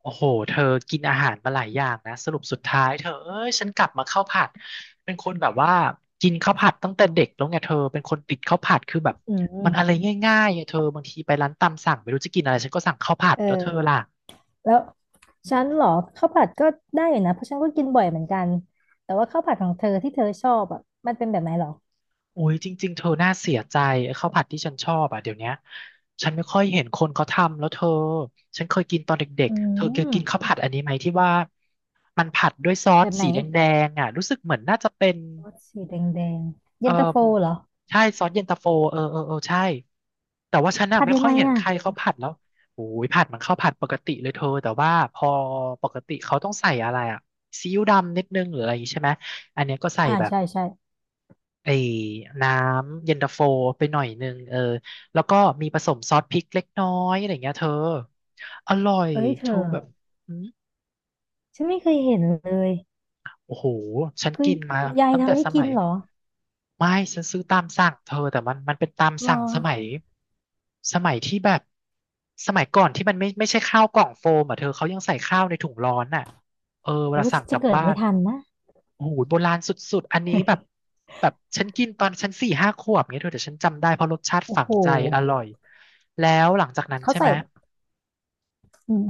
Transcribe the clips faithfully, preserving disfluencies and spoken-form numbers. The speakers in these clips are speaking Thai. โอ้โหเธอกินอาหารมาหลายอย่างนะสรุปสุดท้ายเธอเอ้ยฉันกลับมาข้าวผัดเป็นคนแบบว่ากินข้าวผัดตั้งแต่เด็กแล้วไงเธอเป็นคนติดข้าวผัดคือแบบอืมันอะไรมง่ายๆอะเธอบางทีไปร้านตามสั่งไม่รู้จะกินอะไรฉันก็สั่งข้าวผัดแล้วเธอเออล่ะแล้วฉันเหรอข้าวผัดก็ได้อยู่นะเพราะฉันก็กินบ่อยเหมือนกันแต่ว่าข้าวผัดของเธอที่เธอชอบอ่ะมันเป็นแบบไหนเหรอโอ้ยจริงๆเธอน่าเสียใจไอ้ข้าวผัดที่ฉันชอบอ่ะเดี๋ยวเนี้ยฉันไม่ค่อยเห็นคนเขาทำแล้วเธอฉันเคยกินตอนเด็กอืๆเธอเคยมกินข้าวผัดอันนี้ไหมที่ว่ามันผัดด้วยซอแบสบไหนสีแดงๆอ่ะรู้สึกเหมือนน่าจะเป็น รสสีแดงแดงเอเย็อนตาโฟเหรอใช่ซอสเย็นตาโฟเออเออเออใช่แต่ว่าฉันน่ะผัดไม่ยังค่อยไงเห็นใคอ่ะรเขาผัดแล้วโอ้ยผัดมันเข้าวผัดปกติเลยเธอแต่ว่าพอปกติเขาต้องใส่อะไรอ่ะซีอิ๊วดำนิดนึงหรืออะไรอย่างงี้ใช่ไหมอันเนี้ยก็ใส่อ่าแบบใช่ใช่ไอ้น้ำเย็นตาโฟไปหน่อยนึงเออแล้วก็มีผสมซอสพริกเล็กน้อยอะไรอย่างเงี้ยเธออร่อยเอ้ยเธเธออแบบฉันไม่เคยเห็นเลยโอ้โหฉันคือกินมายายตั้งแต่ทำให้สกิมันย เหรอไม่ฉันซื้อตามสั่งเธอแต่มันมันเป็นตามรอสั่งสมัยสมัยที่แบบสมัยก่อนที่มันไม่ไม่ใช่ข้าวกล่องโฟมอ่ะเธอเขายังใส่ข้าวในถุงร้อนอ่ะเออเวหรือลาว่าสั่ฉังนกจะลับเกิดบ้าไม่นทันนะ โอ้โหโบราณสุดๆอันนี้แบบ แบบฉันกินตอนฉันสี่ห้าขวบเงี้ยเธอแต่ฉันจำได้เพราะรสชาติโอ้ฝังโหใจอร่อยแล้วหลังจากนั้นเขาใช่ไหใส่มอืม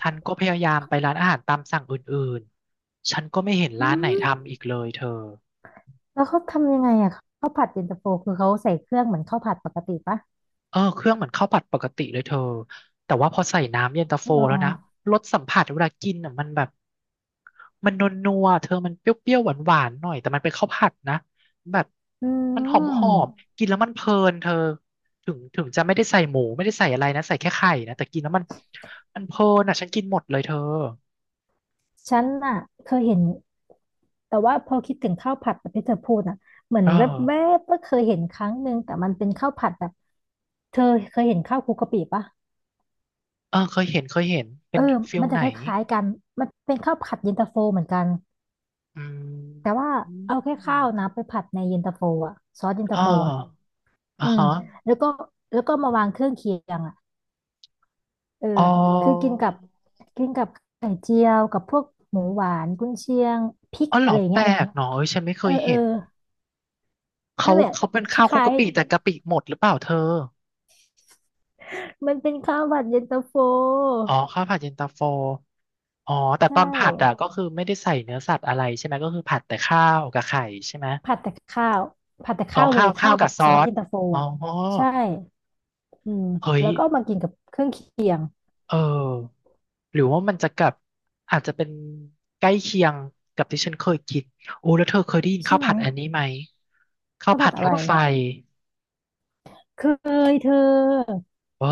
ฉันก็พยายามไปร้านอาหารตามสั่งอื่นๆฉันก็ไม่เห็นอืร้านไหนมทำอีกเลยเธอ แล้วเขาทำยังไงอ่ะข้าวผัดเย็นตาโฟคือเขาใส่เครื่องเหมือนข้าวผัดปกติปะ เออเครื่องเหมือนข้าวผัดปกติเลยเธอแต่ว่าพอใส่น้ำเย็นตาโฟหรอแล้วนะรสสัมผัสเวลากินอ่ะมันแบบมันนัวๆเธอมันเปรี้ยวๆหวานๆหน่อยแต่มันเป็นข้าวผัดนะแบบอืมันหอมมๆกินแล้วมันเพลินเธอถึงถึงจะไม่ได้ใส่หมูไม่ได้ใส่อะไรนะใส่แค่ไข่นะแต่กินแล้วมันมันเพลินอ่ะฉันกินหมดเลยเธอฉันน่ะเคยเห็น แต่ว่าพอคิดถึงข้าวผัดแบบที่เธอพูดน่ะเหมือนเออแวบๆก็เคยเห็นครั้งหนึ่งแต่มันเป็นข้าวผัดแบบเธอเคยเห็นข้าวคลุกกะปิปะเออเคยเห็นเคยเห็นเป็เอนอฟิลมันจะไหนคล้ายๆกันมันเป็นข้าวผัดเย็นตาโฟเหมือนกันอืมแต่ว่าเอาแค่ข้าวนะไปผัดในเย็นตาโฟอะซอสเย็นตาอ่าโฟอะอ่าอืมฮะแล้วก็แล้วก็มาวางเครื่องเคียงอะเอออ๋อ คือกินกับกินกับไข่เจียวกับพวกหมูหวานกุนเชียงพริกอ๋อเหรอะอไรอย่างแปเงี้ลย กเนาะเอ้ยฉันไม่เคเออยเอเห็อนเขานั่นแหละเขาเป็นคข้าวคลุกล้ายกะปิแต่กะปิหมดหรือเปล่าเธอๆมันเป็นข้าวผัดเย็นตาโฟอ๋อข้าวผัดเย็นตาโฟอ๋อแต่ตใช่ อนผัดอ่ะก็คือไม่ได้ใส่เนื้อสัตว์อะไรใช่ไหมก็คือผัดแต่ข้าวกับไข่ใช่ไหมผัดแต่ข้าว ผัดแต่อ๋อข้าวเลข้ายวข้าข้าววกักับบซซออสสเย็นตาโฟอ๋ออ่ะใช่อืมเฮ้ยแล้วก็เอามากินกับเครื่องเคียงเออหรือว่ามันจะกับอาจจะเป็นใกล้เคียงกับที่ฉันเคยกินโอ้แล้วเธอเคยได้ยินใช่ข้าวไหมผัดอันนี้ไหมข้าวข้าวผัผัดดอะรไรถไฟเคยเธอเออ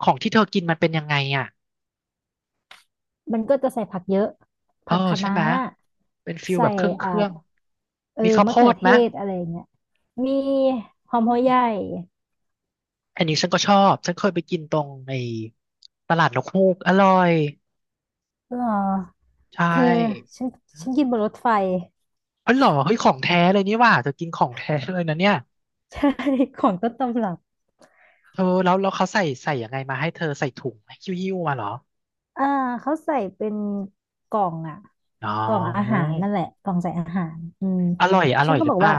ของที่เธอกินมันเป็นยังไงอ่ะ มันก็จะใส่ผักเยอะเออผักคะใช่น้าไหมเป็นฟิลแบใส่บเครื่องเคอ่ารื่องเออมีข้าวโพมะเขือดเทไหมศอะไรอย่างเงี้ยมีหอมอืหัวใหญ่มอันนี้ฉันก็ชอบฉันเคยไปกินตรงในตลาดนกฮูกอร่อยหรอใชเธอ่ฉันอืฉัมนกินบนรถไฟ เอ๋อเหรอเฮ้ยของแท้เลยนี่หว่าเธอกินของแท้เลยนะเนี่ยใช่ ของต้นตำรับเธอแล้วแล้วเขาใส่ใส่ยังไงมาให้เธอใส่ถุงหิ้วหิ้วมาเหรออ่าเขาใส่เป็นกล่องอ่ะอ๋อกล่องอาหารนั่นแหละกล่องใส่อาหารอืมอร่อยอฉัร่นอยก็หรืบออกเปว่าล่า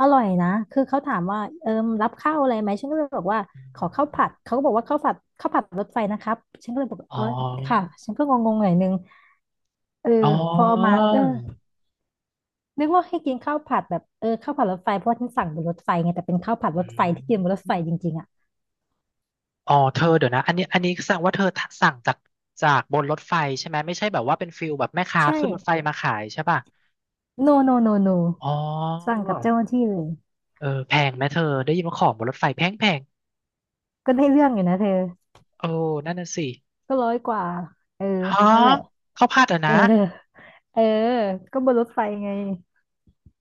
อร่อยนะคือเขาถามว่าเอิมรับข้าวอะไรไหมฉันก็เลยบอกว่าขอข้าวผัดเขาก็บอกว่าข้าวผัดข้าวผัดรถไฟนะครับฉันก็เลยบอกอ๋อเออค่ะฉันก็งงๆหน่อยนึงเออ๋ออพอเอามาเออนึกว่าให้กินข้าวผัดแบบเออข้าวผัดรถไฟเพราะว่าฉันสั่งบนรถไฟไงแต่เป็นข้าวผัดรอืถไฟที่กินบนรถไฟจม ริงๆอ่ะอ๋อเธอเดี๋ยวนะอันนี้อันนี้แสดงว่าเธอสั่งจากจากบนรถไฟใช่ไหมไม่ใช่แบบว่าเป็นฟิลแบบแม่ค้าใช่ขึ้นรถไฟมาขายใช่ป่ะโนโนโนโนอ๋สั่งอกับเจ้าหน้าที่เลย เออแพงไหมเธอได้ยินว่าของบนรถไฟแพงแพงก็ได้เรื่องอยู่นะเธอโอ้นั่นน่ะสิก็ร้อยกว่าเออฮะนั่นแหละ ข้าวผัดอ่ะเอนะอเออก็บนรถไฟไง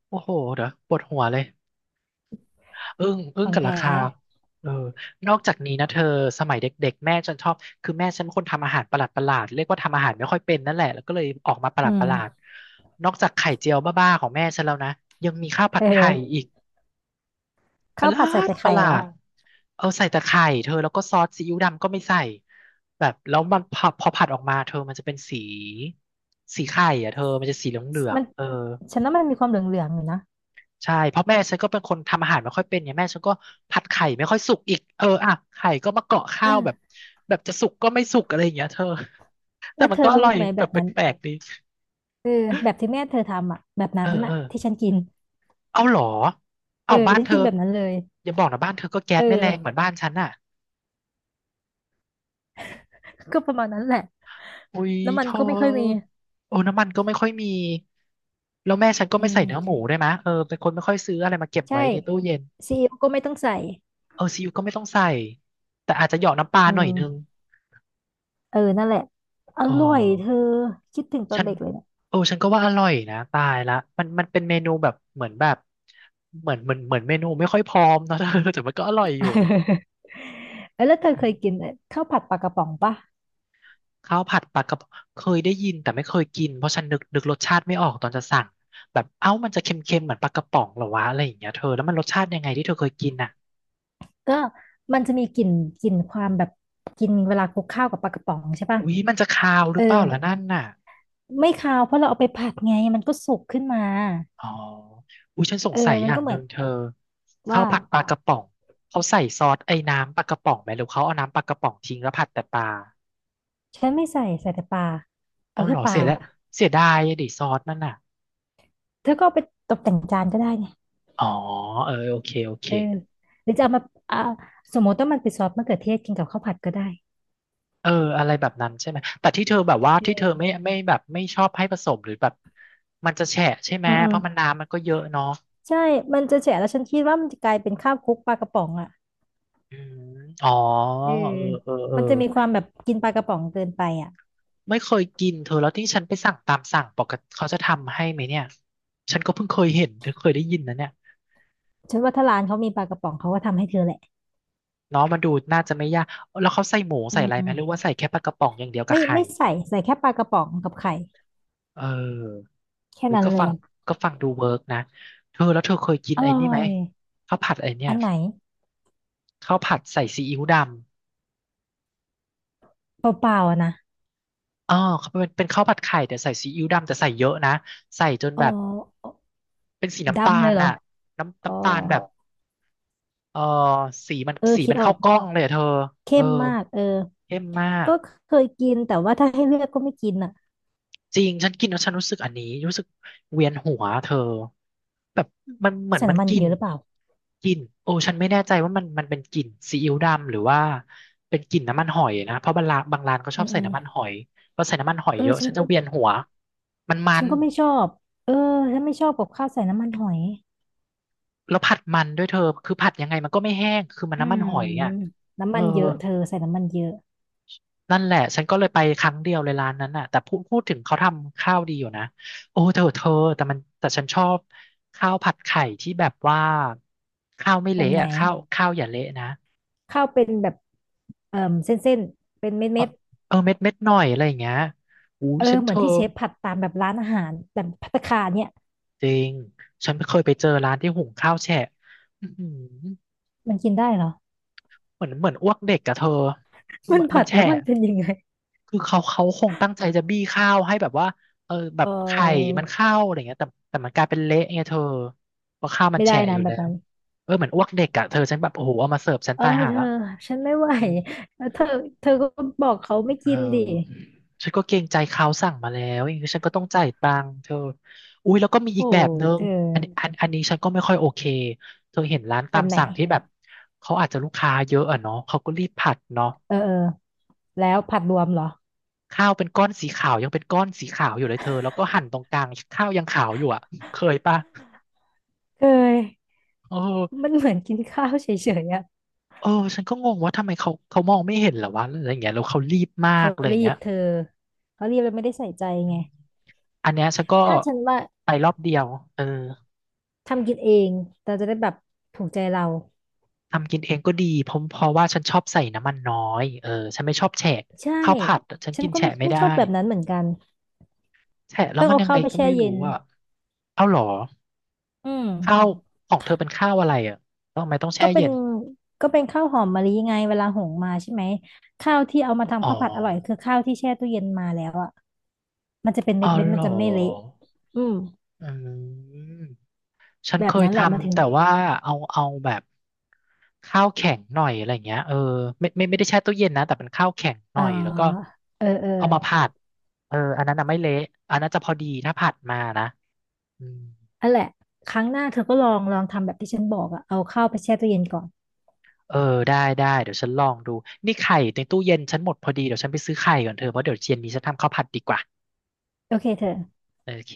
โอ้โหเดี๋ยวปวดหัวเลย อึ้งอึ้ขงองกับราแท้คาเออนอกจากนี้นะเธอสมัยเด็กๆแม่ฉันชอบคือแม่ฉันเป็นคนทำอาหารประหลาดๆเรียกว่าทำอาหารไม่ค่อยเป็นนั่นแหละแล้วก็เลยออกมาประหลอืาดมๆนอกจากไข่เจียวบ้าๆของแม่ฉันแล้วนะยังมีข้าวผัเอดไข่ออีกปข้าระวหลาผัดใส่ดแต่ปไข่ระหลาเหรอ ดเอาใส่แต่ไข่เธอแล้วก็ซอสซีอิ๊วดำก็ไม่ใส่แบบแล้วมันพอพอผัดออกมาเธอมันจะเป็นสีสีไข่อ่ะเธอมันจะสีเหลือมังน ๆเออ ฉันว่ามันมีความเหลืองๆอยู่นะใช่เพราะแม่ฉันก็เป็นคนทำอาหารไม่ค่อยเป็นเนี่ยแม่ฉันก็ผัดไข่ไม่ค่อยสุกอีกเอออ่ะไข่ก็มาเกาะเอข้าวแบบอแบบจะสุกก็ไม่สุกอะไรอย่างเงี้ยเธอแต่แล้วมันเธก็ออรู้ร่อยไหมแบแบบบแปนั้นลกๆดีเออแบบที่แม่เธอทำอ่ะแบบเอนั้อนเออ่ะอที่ฉันกินเอาเหรอเอเอาอบ้านฉันเธอกินแบบนั้นเลย อย่าบอกนะบ้านเธอก็แก๊เอสไม่แรงเหมือนอ บ้านฉันอ่ะก็ประมาณนั้นแหละอุ้ยน้ำมัเธนก็ไม่ค่อยมีอโอ้น้ำมันก็ไม่ค่อยมีแล้วแม่ฉันก็อืไม่ใส่เนื้อหมูมได้วยมะเออเป็นคนไม่ค่อยซื้ออะไรมาเก็บใช่ไว้ในตู้เย็นซีอิ๊วก็ไม่ต้องใส่เออซีอิ๊วก็ไม่ต้องใส่แต่อาจจะเหยาะน้ำปลาอืหน่อยนึงมเออนั่นแหละอเออ ร่อยเธอคิดถึงตอฉันนเด็กเลย โอ้ฉันก็ว่าอร่อยนะตายละมันมันเป็นเมนูแบบเหมือนแบบเหมือนเหมือนเหมือนเมนูไม่ค่อยพร้อมเนอะ เธอแต่มันก็อร่อยอยู่ เอ้ยแล้วเธออืเคยกินมไอ้ข้าวผัดปลากระป๋องปะข้าวผัดปลากระพงเคยได้ยินแต่ไม่เคยกินเพราะฉันนึกนึกรสชาติไม่ออกตอนจะสั่งแบบเอ้ามันจะเค็มๆเหมือนปลากระป๋องเหรอวะอะไรอย่างเงี้ยเธอแล้วมันรสชาติยังไงที่เธอเคยกินอ่ะก็มันจะมีกลิ่นกลิ่นความแบบกินเวลาคลุกข้าวกับปลากระป๋องใช่ปะอุ๊ยมันจะคาวหเอรืออเปล่าล่ะนั่นน่ะไม่คาวเพราะเราเอาไปผัดไงมันก็สุกขึ้นมาอ๋ออุ๊ยฉันสงเออสัยมัอนย่าก็งเหหมืนึ่อนงเธอข้าว่าวผัดปลากระป๋องเขาใส่ซอสไอ้น้ำปลากระป๋องไหมหรือเขาเอาน้ำปลากระป๋องทิ้งแล้วผัดแต่ปลา ฉันไม่ใส่ใส่แต่ปลาเอาเอาเหรแค่อปเสีลายแล้วเสียดายอะดิซอสมันอ่ะเธอก็เอาไปตกแต่งจานก็ได้ไงอ๋อเออโอเคโอเคเออหรือจะเอามาอ่าสมมติว่ามันเป็นซอสมะเขือเทศกินกับข้าวผัดก็ได้เอออะไรแบบนั้นใช่ไหมแต่ที่เธอแบบว่าที่เธอเออไม่ไม่แบบไม่ชอบให้ผสมหรือแบบมันจะแฉะใช่ไหมอืมอืเพมราะมันน้ำมันก็เยอะเนาะใช่มันจะแฉะแล้วฉันคิดว่ามันจะกลายเป็นข้าวคลุกปลากระป๋องอ่ะ อืมอ๋อเออเออเออเออมันจะมีความแบบกินปลากระป๋องเกินไปอ่ะไม่เคยกินเธอแล้วที่ฉันไปสั่งตามสั่งปกติเขาจะทำให้ไหมเนี่ยฉันก็เพิ่งเคยเห็นเธอเคยได้ยินนะเนี่ยฉันว่าถ้าร้านเขามีปลากระป๋องเขาก็ทำให้เธอแหละเนาะมันดูน่าจะไม่ยากแล้วเขาใส่หมูอืใส่อะไรไหมมหรือว่าใส่แค่ปลากระป๋องอย่างเดียวกับไม่ไข่ไม่ใส่ใส่แค่ปลากระป๋องกับไข่เออ แค่เฮ้ยนั้นก็เลฟัยงก็ฟังดูเวิร์กนะเธอแล้วเธอเคยกินอไอ้ร่นี่อไหมยข้าวผัดไอ้เนี่ยอันไหนข้าวผัดใส่ซีอิ๊วดำเปล่าๆอะนะอ๋อเขาเป็นเป็นข้าวผัดไข่แต่ใส่ซีอิ๊วดำแต่ใส่เยอะนะใส่จนอ๋แบบอเป็นสีน้ำตาดำเลลยเหรอน่ะน้ำอ๋อน้ำตาลแบบเออสีมันเออสีคิมัดนออเข้ากกล้องเลยอะเธอเอเข้อมมากเออเข้มมาก ก็เคยกินแต่ว่าถ้าให้เลือกก็ไม่กินอ่ะจริงฉันกินแล้วฉันรู้สึกอันนี้รู้สึกเวียนหัวเธอแบบมันเหมือนใส่มันน้ำมันกลิ่เยนอะหรือเปล่ากลิ่นโอ้ฉันไม่แน่ใจว่ามันมันเป็นกลิ่นซีอิ๊วดำหรือว่าเป็นกลิ่นน้ำมันหอยนะเพราะบางร้านบางร้านเขาชอือบมใส่อืมน้ำมันหอยพอใส่น้ำมันหอยเอเยออะฉันฉันจะเวียนหัวมันมัฉันนก็ไม่ชอบเออฉันไม่ชอบกับข้าวใส่น้ำมันหอยแล้วผัดมันด้วยเธอคือผัดยังไงมันก็ไม่แห้งคือมันอืน้ำมันมหอยอ่ะเอน้ำอ มันเยอะเธอใส่น้ำมันเยอะ นั่นแหละฉันก็เลยไปครั้งเดียวเลยร้านนั้นน่ะแต่พูดพูดถึงเขาทำข้าวดีอยู่นะโอ้เธอเธอแต่มันแต่ฉันชอบข้าวผัดไข่ที่แบบว่าข้าวไม่แบบเละไหนอ่ะข้าวข้าวอย่าเละนะข้าวเป็นแบบเอ่อเส้นๆเป็นเออเม็ดเเออเม็ดเม็ดหน่อยอะไรอย่างเงี้ยอุ้ยเออฉันเหเธมือนอที่เชฟผัดตามแบบร้านอาหารแบบภัตตาคารเนี่ยจริงฉันเคยไปเจอร้านที่หุงข้าวแฉะอื้อหือมันกินได้เหรอ เหมือนเหมือนอ้วกเด็กกับเธอคื อมันมันมัผันดแฉะ แล้วมันเป็นยังไงคือเขาเขาคงตั้งใจจะบี้ข้าวให้แบบว่าเออแบเอบไข่อมันเข้าอะไรเงี้ยแต่แต่มันกลายเป็นเละไงเธอเพราะข้าวมันไม่แฉะได้อนะยู่แบแล้บวนั้นเออเหมือนอ้วกเด็กอ่ะเธอฉันแบบโอ้โหเอามาเสิร์ฟฉันเออตายห่าเธอแล้วฉันไม่ไหวแล้วเธอเธอก็บอกเขาไม่เอกินดิอฉันก็เกรงใจเขาสั่งมาแล้วอย่างนี้ฉันก็ต้องจ่ายตังค์เธออุ้ยแล้วก็มีอีโอ้กแบบยนึงเธอันนี้ออันอันนี้ฉันก็ไม่ค่อยโอเคเธอเห็นร้านตาแบมบไหนสั่งที่แบบเขาอาจจะลูกค้าเยอะอะเนาะเขาก็รีบผัดเนาะ เออเออแล้วผัดรวมเหรอข้าวเป็นก้อนสีขาวยังเป็นก้อนสีขาวอยู่เลยเธอแล้วก็หั่นตรงกลางข้าวยังขาวอยู่อ่ะเคยปะเคยเออมันเหมือนกินข้าวเฉยๆอะเออฉันก็งงว่าทำไมเขาเขามองไม่เห็นเหรอวะอะไรอย่างเงี้ยแล้วเขารีบมากเขาอะไรอย่ารีงเงี้บยเธอเขารีบแล้วไม่ได้ใส่ใจอืไงมอันเนี้ยฉันก็ถ้าฉันว่า ไปรอบเดียวเออทำกินเองเราจะได้แบบถูกใจเราทำกินเองก็ดีเพราะเพราะว่าฉันชอบใส่น้ำมันน้อยเออฉันไม่ชอบแฉะใช่ข้าวผัดฉันฉันกินก็แฉะไม่ไม่ไม่ได้ชอบแบบนั้นเหมือนกันแฉะแล้วเพิ่งมันเอายังข้าไงวไปก็แช่ไม่เย็รู้นอ่ะเอาเหรออืมข้าวของเธอเป็นข้าวอะไรอ่ะแล้วทำไมต้องแช่ก็เป็เย็นนก็เป็นข้าวหอมมะลิไงเวลาหุงมาใช่ไหมข้าวที่เอามาอ๋อทำข้าวผัดอร่อยคือข้าวที่แช่ตู้เย็นมาแล้วอ่ะมันจะเป็นอ๋เม็อดเม็ดเหรมันอ จะไม่เละอืมอืมฉันแบเคบยนั้นทแหละมันถึำงแต่ว่าเอาเอาแบบข้าวแข็งหน่อยอะไรเงี้ยเออไม่ไม่ไม่ได้แช่ตู้เย็นนะแต่เป็นข้าวแข็งหเอ่น่ออยแล้วก็เออเออเอามาผัดเอออันนั้นน่ะไม่เละอันนั้นจะพอดีถ้าผัดมานะอืมอันแหละครั้งหน้าเธอก็ลองลองทำแบบที่ฉันบอกอ่ะเอาข้าวไปแช่ตู้เย็นก่อนเออได้ได้เดี๋ยวฉันลองดูนี่ไข่ในตู้เย็นฉันหมดพอดีเดี๋ยวฉันไปซื้อไข่ก่อนเธอเพราะเดี๋ยวเย็นนี้ฉันทำข้าวผัดดีกว่าโอเคเธอโอเค